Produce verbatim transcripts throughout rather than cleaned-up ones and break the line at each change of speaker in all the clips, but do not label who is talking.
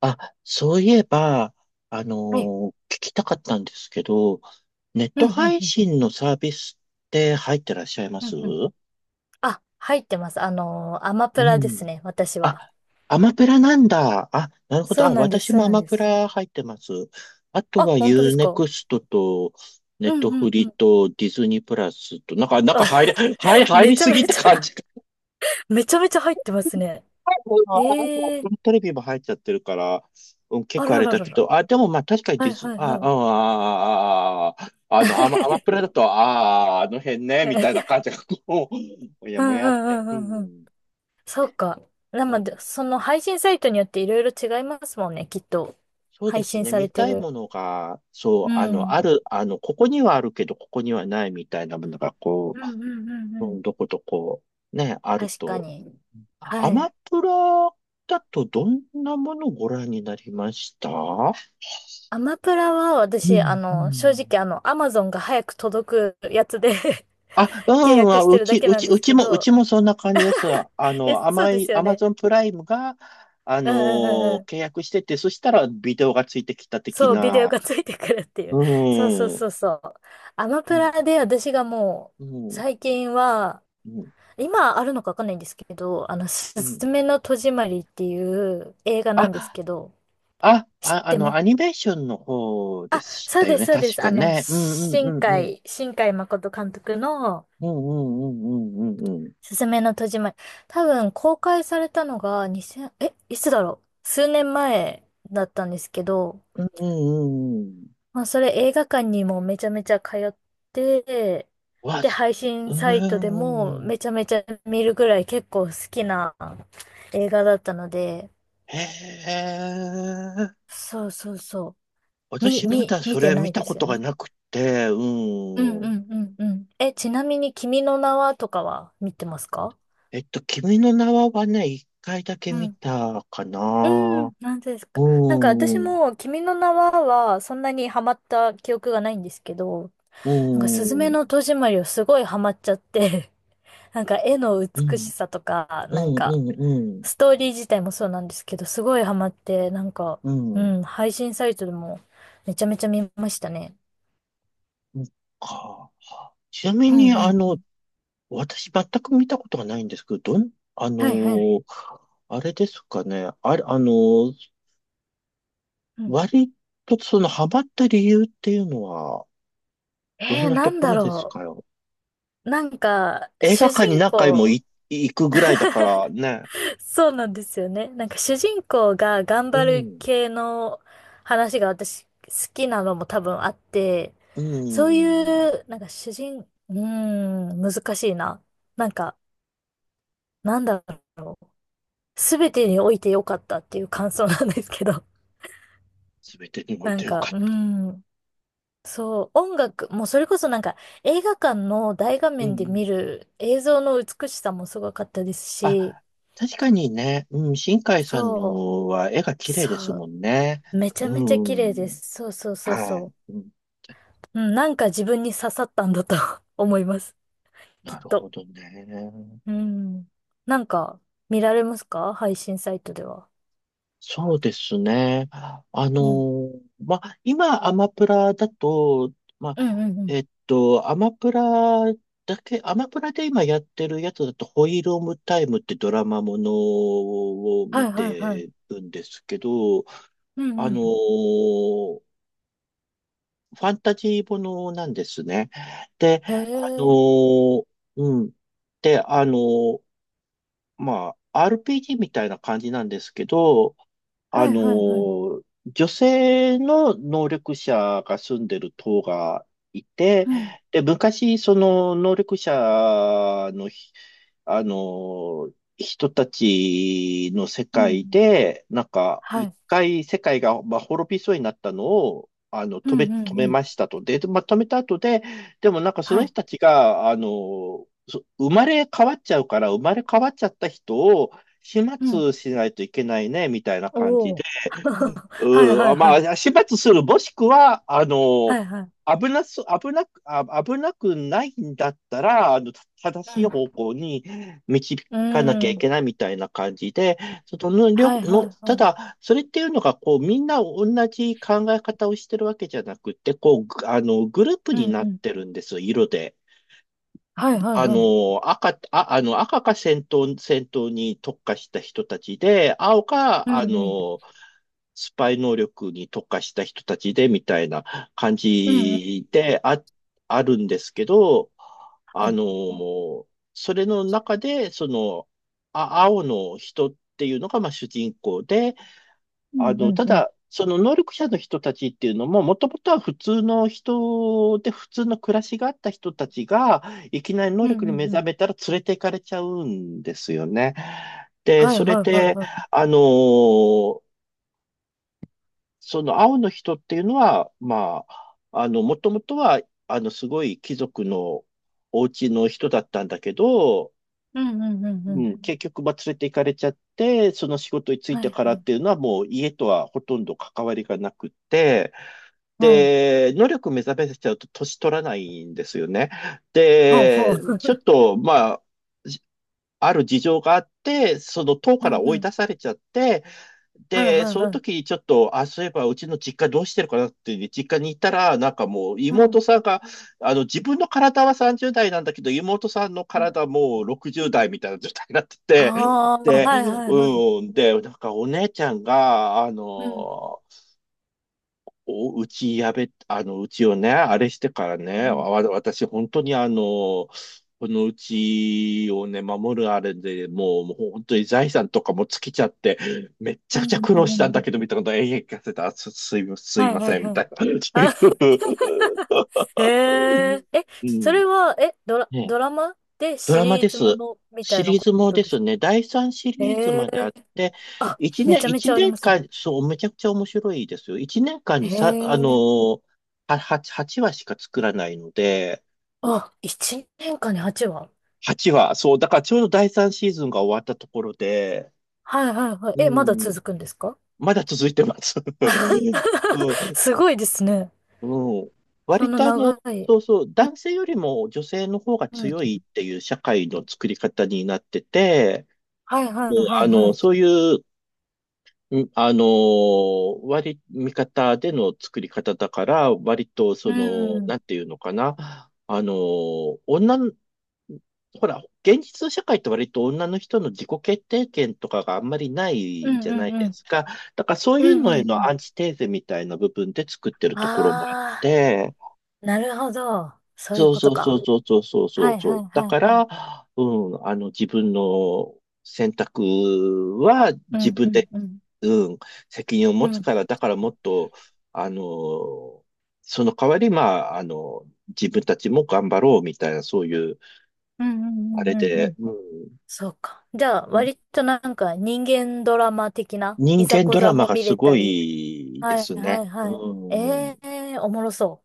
あ、そういえば、あの
はい。
ー聞きたかったんですけど、ネット
うん、うん、
配
うん、
信のサービスって入ってらっしゃいま
う
す？
ん、うん。あ、入ってます。あのーアマ
う
プラです
ん。
ね、私は。
あ、アマプラなんだ。あ、なるほど。
そう
あ、
なんです、
私
そう
もア
なん
マ
で
プ
す。
ラ入ってます。あと
あ、
は
本当で
ユー
す
ネ
か？う
クストと、ネ
ん、う
ットフ
ん、う
リ
ん。
とディズニープラスと、なんか、なんか入り、はい、入
め
り
ちゃ
すぎっ
め
て
ち
感
ゃ
じ。
めちゃめちゃ入ってますね。
もうあとはアッ
ええ
プ
ー、
ルテレビも入っちゃってるから、うん、結
あ
構あ
ら
れ
ら
だ
ら
け
ら。
ど、あ、でもまあ確かに
は
ディ
い、
ズ、
はい、
あ、あ、
はい。
あ、あ、あ、あの、アマ、アマプラ だと、ああ、あの辺ね、みたいな感じがこう、もや
う
も
んう
やって。
んう
う
んうんうん。
ん、
そうか。な
そ
の
う
で、
です
その
ね。
配信サイトによっていろいろ違いますもんね、きっと。
そうで
配
す
信
ね。
され
見
て
たい
る。
ものが、そう、
う
あの、
ん。
ある、あの、ここにはあるけど、ここにはないみたいなものが、こ
うんうんうんう
う、う
ん。
ん、どことこう、ね、ある
確か
と。
に。
ア
は
マ
い。
プラだとどんなものをご覧になりました？
アマプラは
う
私、あ
ん、う
の、正
ん。
直あの、アマゾンが早く届くやつで
あ、う
契
ん、
約
あ、
して
う
るだ
ち、
け
う
なん
ち、
で
う
す
ち
け
も、うち
ど、
もそんな感じです。あ
え、
の、
そう
甘
で
い、
すよ
アマ
ね。
ゾンプライムが、あ
う
の
んうんうんう
ー
ん。
契約してて、そしたらビデオがついてきた的
そう、ビデオ
な。
がついてくるってい
う
う。そうそう
ん、うん、
そうそう。アマプ
う
ラで私がもう、
ん、
最近は、
うん。
今あるのかわかんないんですけど、あの、す
う
ず
ん、
めの戸締まりっていう映画なんです
あ、
けど、
あ、
知っ
あ、あ
て
の、
ます？
アニメーションの方で
あ、
し
そう
たよ
です、
ね、
そうで
確
す。
か
あの、
ね。うん、うん、
新
うん、うん、
海、新海誠監督の、
うん、うん、うん、うん、うん。
すすめの戸締まり。多分公開されたのがにせん、え、いつだろう数年前だったんですけど、
うんうんうんうん。
まあそれ映画館にもめちゃめちゃ通って、
わ、
で、
す
配信
う
サイトでも
ーん。
めちゃめちゃ見るぐらい結構好きな映画だったので、
へえ。
そうそうそう。み、
私ま
み、
だ
見
そ
て
れ
な
見
い
た
で
こ
すよ
とが
ね。
なくて、
うんうん
うん。
うんうん。え、ちなみに君の名はとかは見てますか？
えっと、君の名ははね、一回だけ
う
見
ん
たか
う
な。
ん、なんです
う
か。なんか私
ん、うん、
も、君の名は、はそんなにハマった記憶がないんですけど、
う
なんか、すずめの
ん、
戸締まりをすごいハマっちゃって、なんか、絵の
う
美し
ん、
さとか、
う
なんか、
ん、うん、
ストーリー自体もそうなんですけど、すごいハマって、なんか、
う
う
ん。
ん、配信サイトでも、めちゃめちゃ見ましたね。
うんか。ちなみ
うんう
に、あ
んう
の、
ん。
私全く見たことがないんですけど、どん、あ
はいはい。
の、あれですかね。あれ、あの、
うん。
割とそのハマった理由っていうのは、ど
え
ん
ー、
な
な
と
ん
こ
だ
ろです
ろ
か？
う。なんか、
映画
主
館に
人
何回も
公、
い行くぐらいだからね。
そうなんですよね。なんか主人公が頑
う
張る
ん。
系の話が私好きなのも多分あって、
う
そうい
ん。
う、なんか主人、うーん、難しいな。なんか、なんだろう、すべてにおいてよかったっていう感想なんですけど。
すべてに おい
な
て
ん
よ
か、
かった。
うーん、そう、音楽、もうそれこそなんか映画館の大画
うんう
面で
ん。
見る映像の美しさもすごかったですし、
あ、確かにね。うん。新海さん
そう、
のは絵が綺麗
そ
ですもんね。
う、めちゃ
う
めちゃ綺麗で
ん。
す。そうそうそう
は
そう。
い。うん。
うん、なんか自分に刺さったんだと 思います。き
な
っ
るほ
と。
どね。
うん。なんか、見られますか？配信サイトでは。
そうですね。あ
うん。
の、まあ、今、アマプラだと、ま
うんう
あ、
んうん。
えっと、アマプラだけ、アマプラで今やってるやつだと、ホイールオムタイムってドラマものを
は
見
いはいはい。
てるんですけど、
うん
あ
う
の、
ん。
ファンタジーものなんですね。で、
へ
あ
え。
の、うん。で、あの、まあ、アールピージー みたいな感じなんですけど、
は
あ
い
の
はいはい。
ー、女性の能力者が住んでる島がいて、
うん。
で、昔、その能力者のひ、あのー、人たちの世
うんう
界
ん。
で、なんか、
は
一
い。
回世界が、まあ、滅びそうになったのを、あの、
う
止
ん
め、
う
止
んう
め
ん。
ましたと。で、まあ、止めた後で、でもなんかそ
は
の
い。
人たちが、あのー、そ生まれ変わっちゃうから、生まれ変わっちゃった人を、始
うん。
末しないといけないね、みたいな感じ
お
で。
お。はいは
う
い
ん、
は
ま
い。
あ、始末する、もしくは、あの、
はいはい。
危なす、危なく、あ、危なくないんだったら、あの、正しい方向に導
う
かなきゃ
ん。う
い
ーん。
けないみたいな感じで、その、りょ
はいは
の、
いは
た
い。
だ、それっていうのが、こう、みんな同じ考え方をしてるわけじゃなくて、こう、ぐあの、グループ
う
に
ん
な
う
っ
ん。
てるんですよ、色で。
はいはい
あ
はい。
の、赤、あ、あの、赤か戦闘、戦闘に特化した人たちで、青か、
うん
あ
うん。
の、スパイ能力に特化した人たちで、みたいな感
うんうん。
じで、あ、あるんですけど、
は
あ
い。
の、それの中で、その、あ、青の人っていうのが、まあ、主人公で、
うんう
あの、
ん
た
うん。
だ、その能力者の人たちっていうのも、もともとは普通の人で、普通の暮らしがあった人たちが、いきなり能
うん
力
う
に
ん
目
う
覚
ん。
めたら連れて行かれちゃうんですよね。で、
はい
それ
はいはい
で、
はい。
あのーその青の人っていうのは、まあ、あの、もともとは、あの、すごい貴族のお家の人だったんだけど、
うんうんうんう
う
ん。
ん、結局、まあ、連れて行かれちゃって、その仕事に就い
は
て
い
か
は
らっ
い。
ていうのは、もう家とはほとんど関わりがなくて、
うん。
で、能力目覚めちゃうと年取らないんですよね。
ほうほう。
で、ちょっ と、まあ、ある事情があって、その党
う
から
んう
追い
ん。
出されちゃって、
はい
で、
はい
その
はい。
時にちょっと、あ、そういえばうちの実家どうしてるかなっていう実家に行ったら、なんかもう
う
妹
ん。
さんが、あの自分の体はさんじゅう代なんだけど、妹さんの
う
体
ん。
はもうろくじゅう代みたいな状態になってて、
ああ、
で、
はいはいはい。
うん、で、なんかお姉ちゃんが、あ
うん。
の、お、うちやべ、あの、うちをね、あれしてから
う
ね、わ、
ん。
私、本当にあの、このうちをね、守るあれでもう、もう本当に財産とかも尽きちゃって、めっちゃ
うん。
くちゃ苦
う
労
ん。
し
うん
たん
う
だ
ん
けど、みたいなことを永遠聞かせた。あす、すい、すい
はい
ま
はい
せん、み
は
た
い。
いな。そうい
あ、へえ。え、
う。う
そ
ん。
れは、え、ドラ、
ね、
ドラマで
ド
シ
ラマ
リ
で
ーズも
す。
のみた
シ
いな
リー
こ
ズも
と
で
で
す
すか？
ね、だいさんシリーズ
へ
まであっ
え。
て、
あ、
1
めち
年、
ゃめち
一
ゃあり
年
ますね。
間、そう、めちゃくちゃ面白いですよ。いちねんかんに
へ
さ、あの
え。
ー、は8、話しか作らないので、
あ、いちねんかんにはちわ。
はちわ、そう、だからちょうどだいさんシーズンが終わったところで、
はいはいはい。
う
え、まだ
ん、
続くんですか？
まだ続いてます。うん、
すごいですね。
うん、
そ
割
の
とあの、
長い。
そうそう、
うん、
男性よりも女性の方が
うん。
強いっていう社会の作り方になってて、
はいは
もう
いはい
あ
は
の、
い。
そういう、うん、あのー割り、味方での作り方だから、割と、そ
う
の、
ん。
なんていうのかな。あのー女の、ほら、現実の社会って割と女の人の自己決定権とかがあんまりな
う
い
ん
じゃ
う
な
ん
いで
うん。
すか。だからそう
う
いう
んう
の
んう
へのア
ん。
ンチテーゼみたいな部分で作ってるところもあっ
あ
て、
あ、なるほど。そういう
そう
こと
そうそ
か。
うそうそうそうそ
は
う
い
そ
は
う。
い
だ
は
か
いは
ら、
い。
うん、あの、自分の選択は
う
自
ん
分
うん
で、
うん。
うん、責任を
う
持つ
ん。
から、だからもっと、あの、その代わり、まあ、あの、自分たちも頑張ろうみたいな、そういう、
うんう
あれ
んうんうんう
で、
ん。
う
そうか。じゃあ、
ん、
割となんか人間ドラマ的ない
人
ざ
間
こ
ドラ
ざ
マ
も
が
見
す
れ
ご
たり。
いで
はい
す
は
ね。
い
う
はい。え
ん。
えー、おもろそ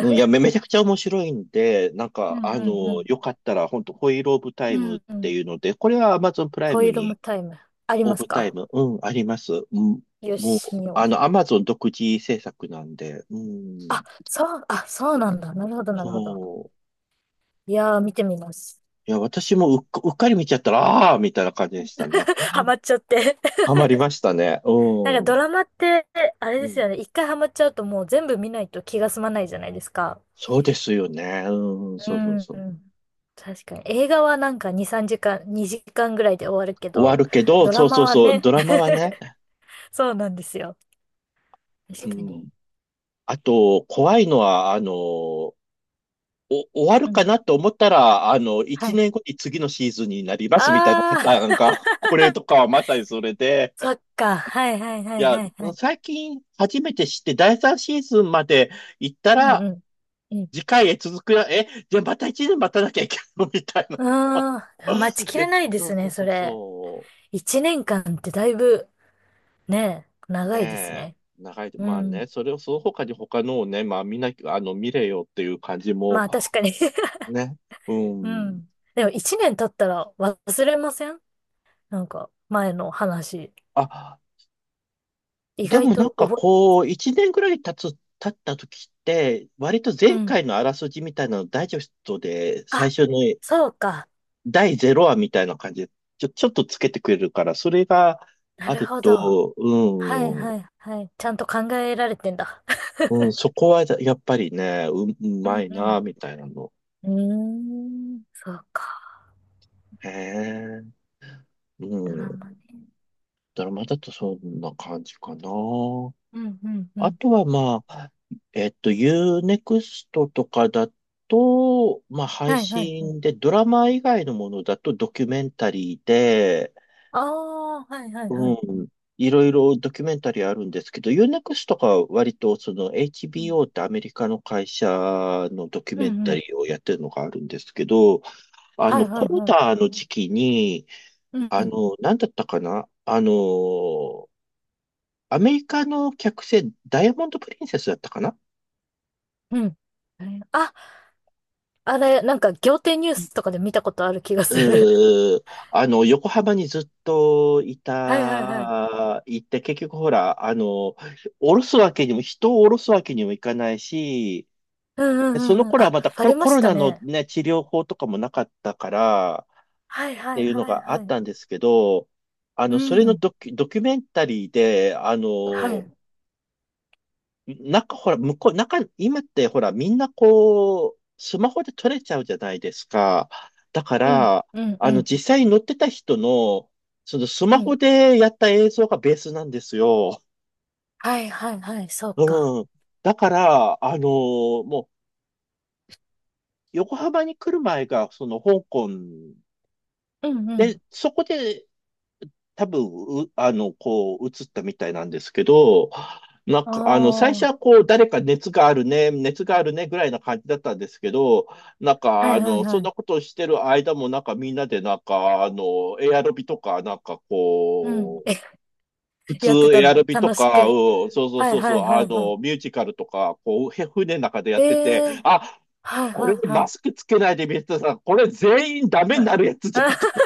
うん、いや、め、めちゃくちゃ面白いんで、なん
う。う
か、
ん
あ
うんう
の、
ん。
よかったら、本当ホイールオブタ
う
イムっ
んう
て
ん。
いうので、これは Amazon プライ
ホ
ム
イールも
に、
タイムあり
オ
ます
ブタイ
か？
ム、うん、あります。うん、
よ
もう、
し、見よ
あの、
う。
Amazon 独自制作なんで、うん、
あ、そう、あ、そうなんだ。なるほど、なるほど。
そう。
いやー、見てみます。
いや、私もうっか、うっかり見ちゃったら、ああーみたいな感じでしたね。
ハマっちゃって。
ハマりましたね。う
なんか
ん。
ド
う
ラマって、あれですよね。
ん。
一回ハマっちゃうともう全部見ないと気が済まないじゃないですか。
そうですよね。うん、
う
そうそ
ん、
うそ
う
う。
ん。確かに。映画はなんかに、さんじかん、にじかんぐらいで終わるけ
終わ
ど、
るけど、
ドラ
そうそ
マ
う
は
そう、
ね、
ドラマ はね。
そうなんですよ。
う
確かに。
ん。あと、怖いのは、あの、お、終わる
う
か
ん。
なと思ったら、あの、
は
一
い。
年後に次のシーズンになりますみたいなパタ
あ
ー
ー、
ンが、これとかはまさにそれで、
そっか。はい
い
はいはい
や、
はいはい。
最近初めて知って、だいさんシーズンまで行った
うん
ら、
うん。う
次回へ続くよ。え、じゃあまた一年待たなきゃいけないのみたいな。
ん。ああ待ち きれ
で、
ないで
う
す
ん、そ
ね、
う
そ
そう
れ。
そ
一年間ってだいぶねえ、
う。
長いです
ねえ。
ね。
長いと、
う
まあ
ん。
ね、それをその他に他のをね、まあ見なきゃ、あの、見れよっていう感じも、
まあ確かに
ね。う
う
ん。
ん。でも一年経ったら忘れません？なんか前の話。
あ、
意
で
外
もなん
と
か
覚
こう、いちねんぐらい経つ、経った時って、割と
え、う
前
ん。
回のあらすじみたいなのダイジェストで最
あ、
初の
そうか。
だいゼロわみたいな感じで、ちょ、ちょっとつけてくれるから、それが
な
あ
る
る
ほど。
と、
はい
うん
はいはい。ちゃんと考えられてんだ。
うん、そこはやっぱりね、う、う
う
ま
ん
い
う
な、みたいなの。
ん。うーん。そうか。
へえ。
ド
う
ラ
ん。
マね。
ドラマだとそんな感じかな。
うんうんう
あ
ん。
とはまあ、えっと、Unext とかだと、まあ配
はいはいはい。
信で、ドラマ以外のものだとドキュメンタリーで、
ああ、はいはいは
う
い。
ん。いろいろドキュメンタリーあるんですけど、Unext とかは割とその
うん。
エイチビーオー ってアメリカの会社のドキュ
う
メ
ん
ン
う
タリ
ん。
ーをやってるのがあるんですけど、あ
はい
の、
は
コ
い
ロ
はい。
ナの時期に、
うんう
あ
ん。
の、なんだったかなあの、アメリカの客船、ダイヤモンド・プリンセスだったかな
うん。えーあ、あれ、なんか仰天ニュースとかで見たことある気がする。
うー、あの、横浜にずっとい
はいはいはい。
た、いて、結局ほら、あの、降ろすわけにも、人を降ろすわけにもいかないし、
うんう
でそ
んう
の
んうん。
頃は
あ、
また
あ
コロ、
りま
コ
し
ロ
た
ナの
ね。
ね、治療法とかもなかったから、っ
はいは
て
い
いうの
はい
があっ
はい。
たんですけど、あ
う
の、それの
ん。
ドキュ、ドキュメンタリーで、あ
は
の、
い。
中、ほら、向こう、中、今ってほら、みんなこう、スマホで撮れちゃうじゃないですか。だか
うん
ら、
うんう
あの、
ん
実際に乗ってた人の、そのス
う
マ
ん。
ホでやった映像がベースなんですよ。
はいはいはい。そうか。
うん。だから、あのもう、横浜に来る前が、その香港
うんうん。
で、そこで多分、うあの、こう、映ったみたいなんですけど、なん
あ
か、あの、最初
あ。
はこう、誰か熱があるね、熱があるね、ぐらいな感じだったんですけど、なんか、
は
あ
いはい
の、そ
は
ん
い。
なことをしてる間も、なんかみんなで、なんか、あの、エアロビとか、なんか
うん。
こう、
え、
普通
やってた
エ
ん
アロ
だ。
ビと
楽し
か、
く。
うん、そうそう
はい
そうそ
は
う、
い
あ
はいは
の、ミュージカルとか、こう、へ船の中でや
い。
っ
え
てて、
え、
あ、
はい
こ
は
れ
い
マ
は
スクつけないで見てたら、これ全員ダ
い。
メに
はい。
なるやつじゃん
あ
とか。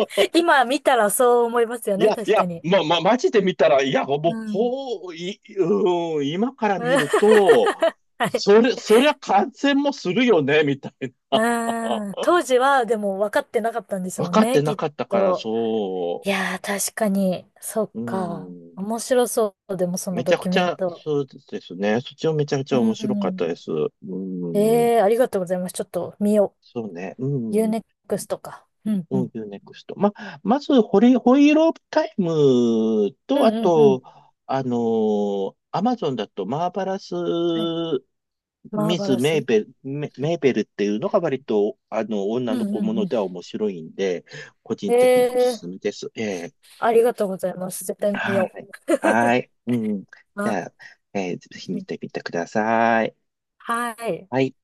今見たらそう思いますよ
い
ね。
や、い
確か
や、
に。
ま、ま、マジで見たら、いや、もう、
うん。
こう、い、うん、今から見 ると、
はい。
それ、そりゃ感染もするよね、みたい
う
な。
ーん。当時は、でも分かってなかったんです
分
もん
かって
ね、き
な
っ
かったから、
と。
そ
いやー、確かに、そっ
う。う
か。
ん。
面白そう。でも、その
めち
ド
ゃく
キュ
ち
メン
ゃ、
ト。
そうですね。そっちもめちゃくちゃ
う
面
ん、
白か
う
った
ん。
です。うん。
ええー、ありがとうございます。ちょっと見よ
そうね。う
う。u
ん。
n クス t か。うん、う
うん、
ん。
ユーネクスト。ま、まず、ホリ、ホイールオブタイムと、
うん、
あ
うん、う
と、
ん。
あのー、アマゾンだと、マーバラス・
はい。マー
ミ
バ
ズ・
ラ
メ
ス。
ーベル、メ、メーベルっていうのが割と、あの、女
う
の
ん、
子
う
も
ん、う
の
ん。
では面白いんで、個人
え
的にお
え
す
ー、
すめです。ええ
ありがとうございます。絶対見
は
よ
い。はい。うん。
う。
じ
あ、
ゃあ、えーぜひ
う
見
ん
てみてください。
はい。
はい。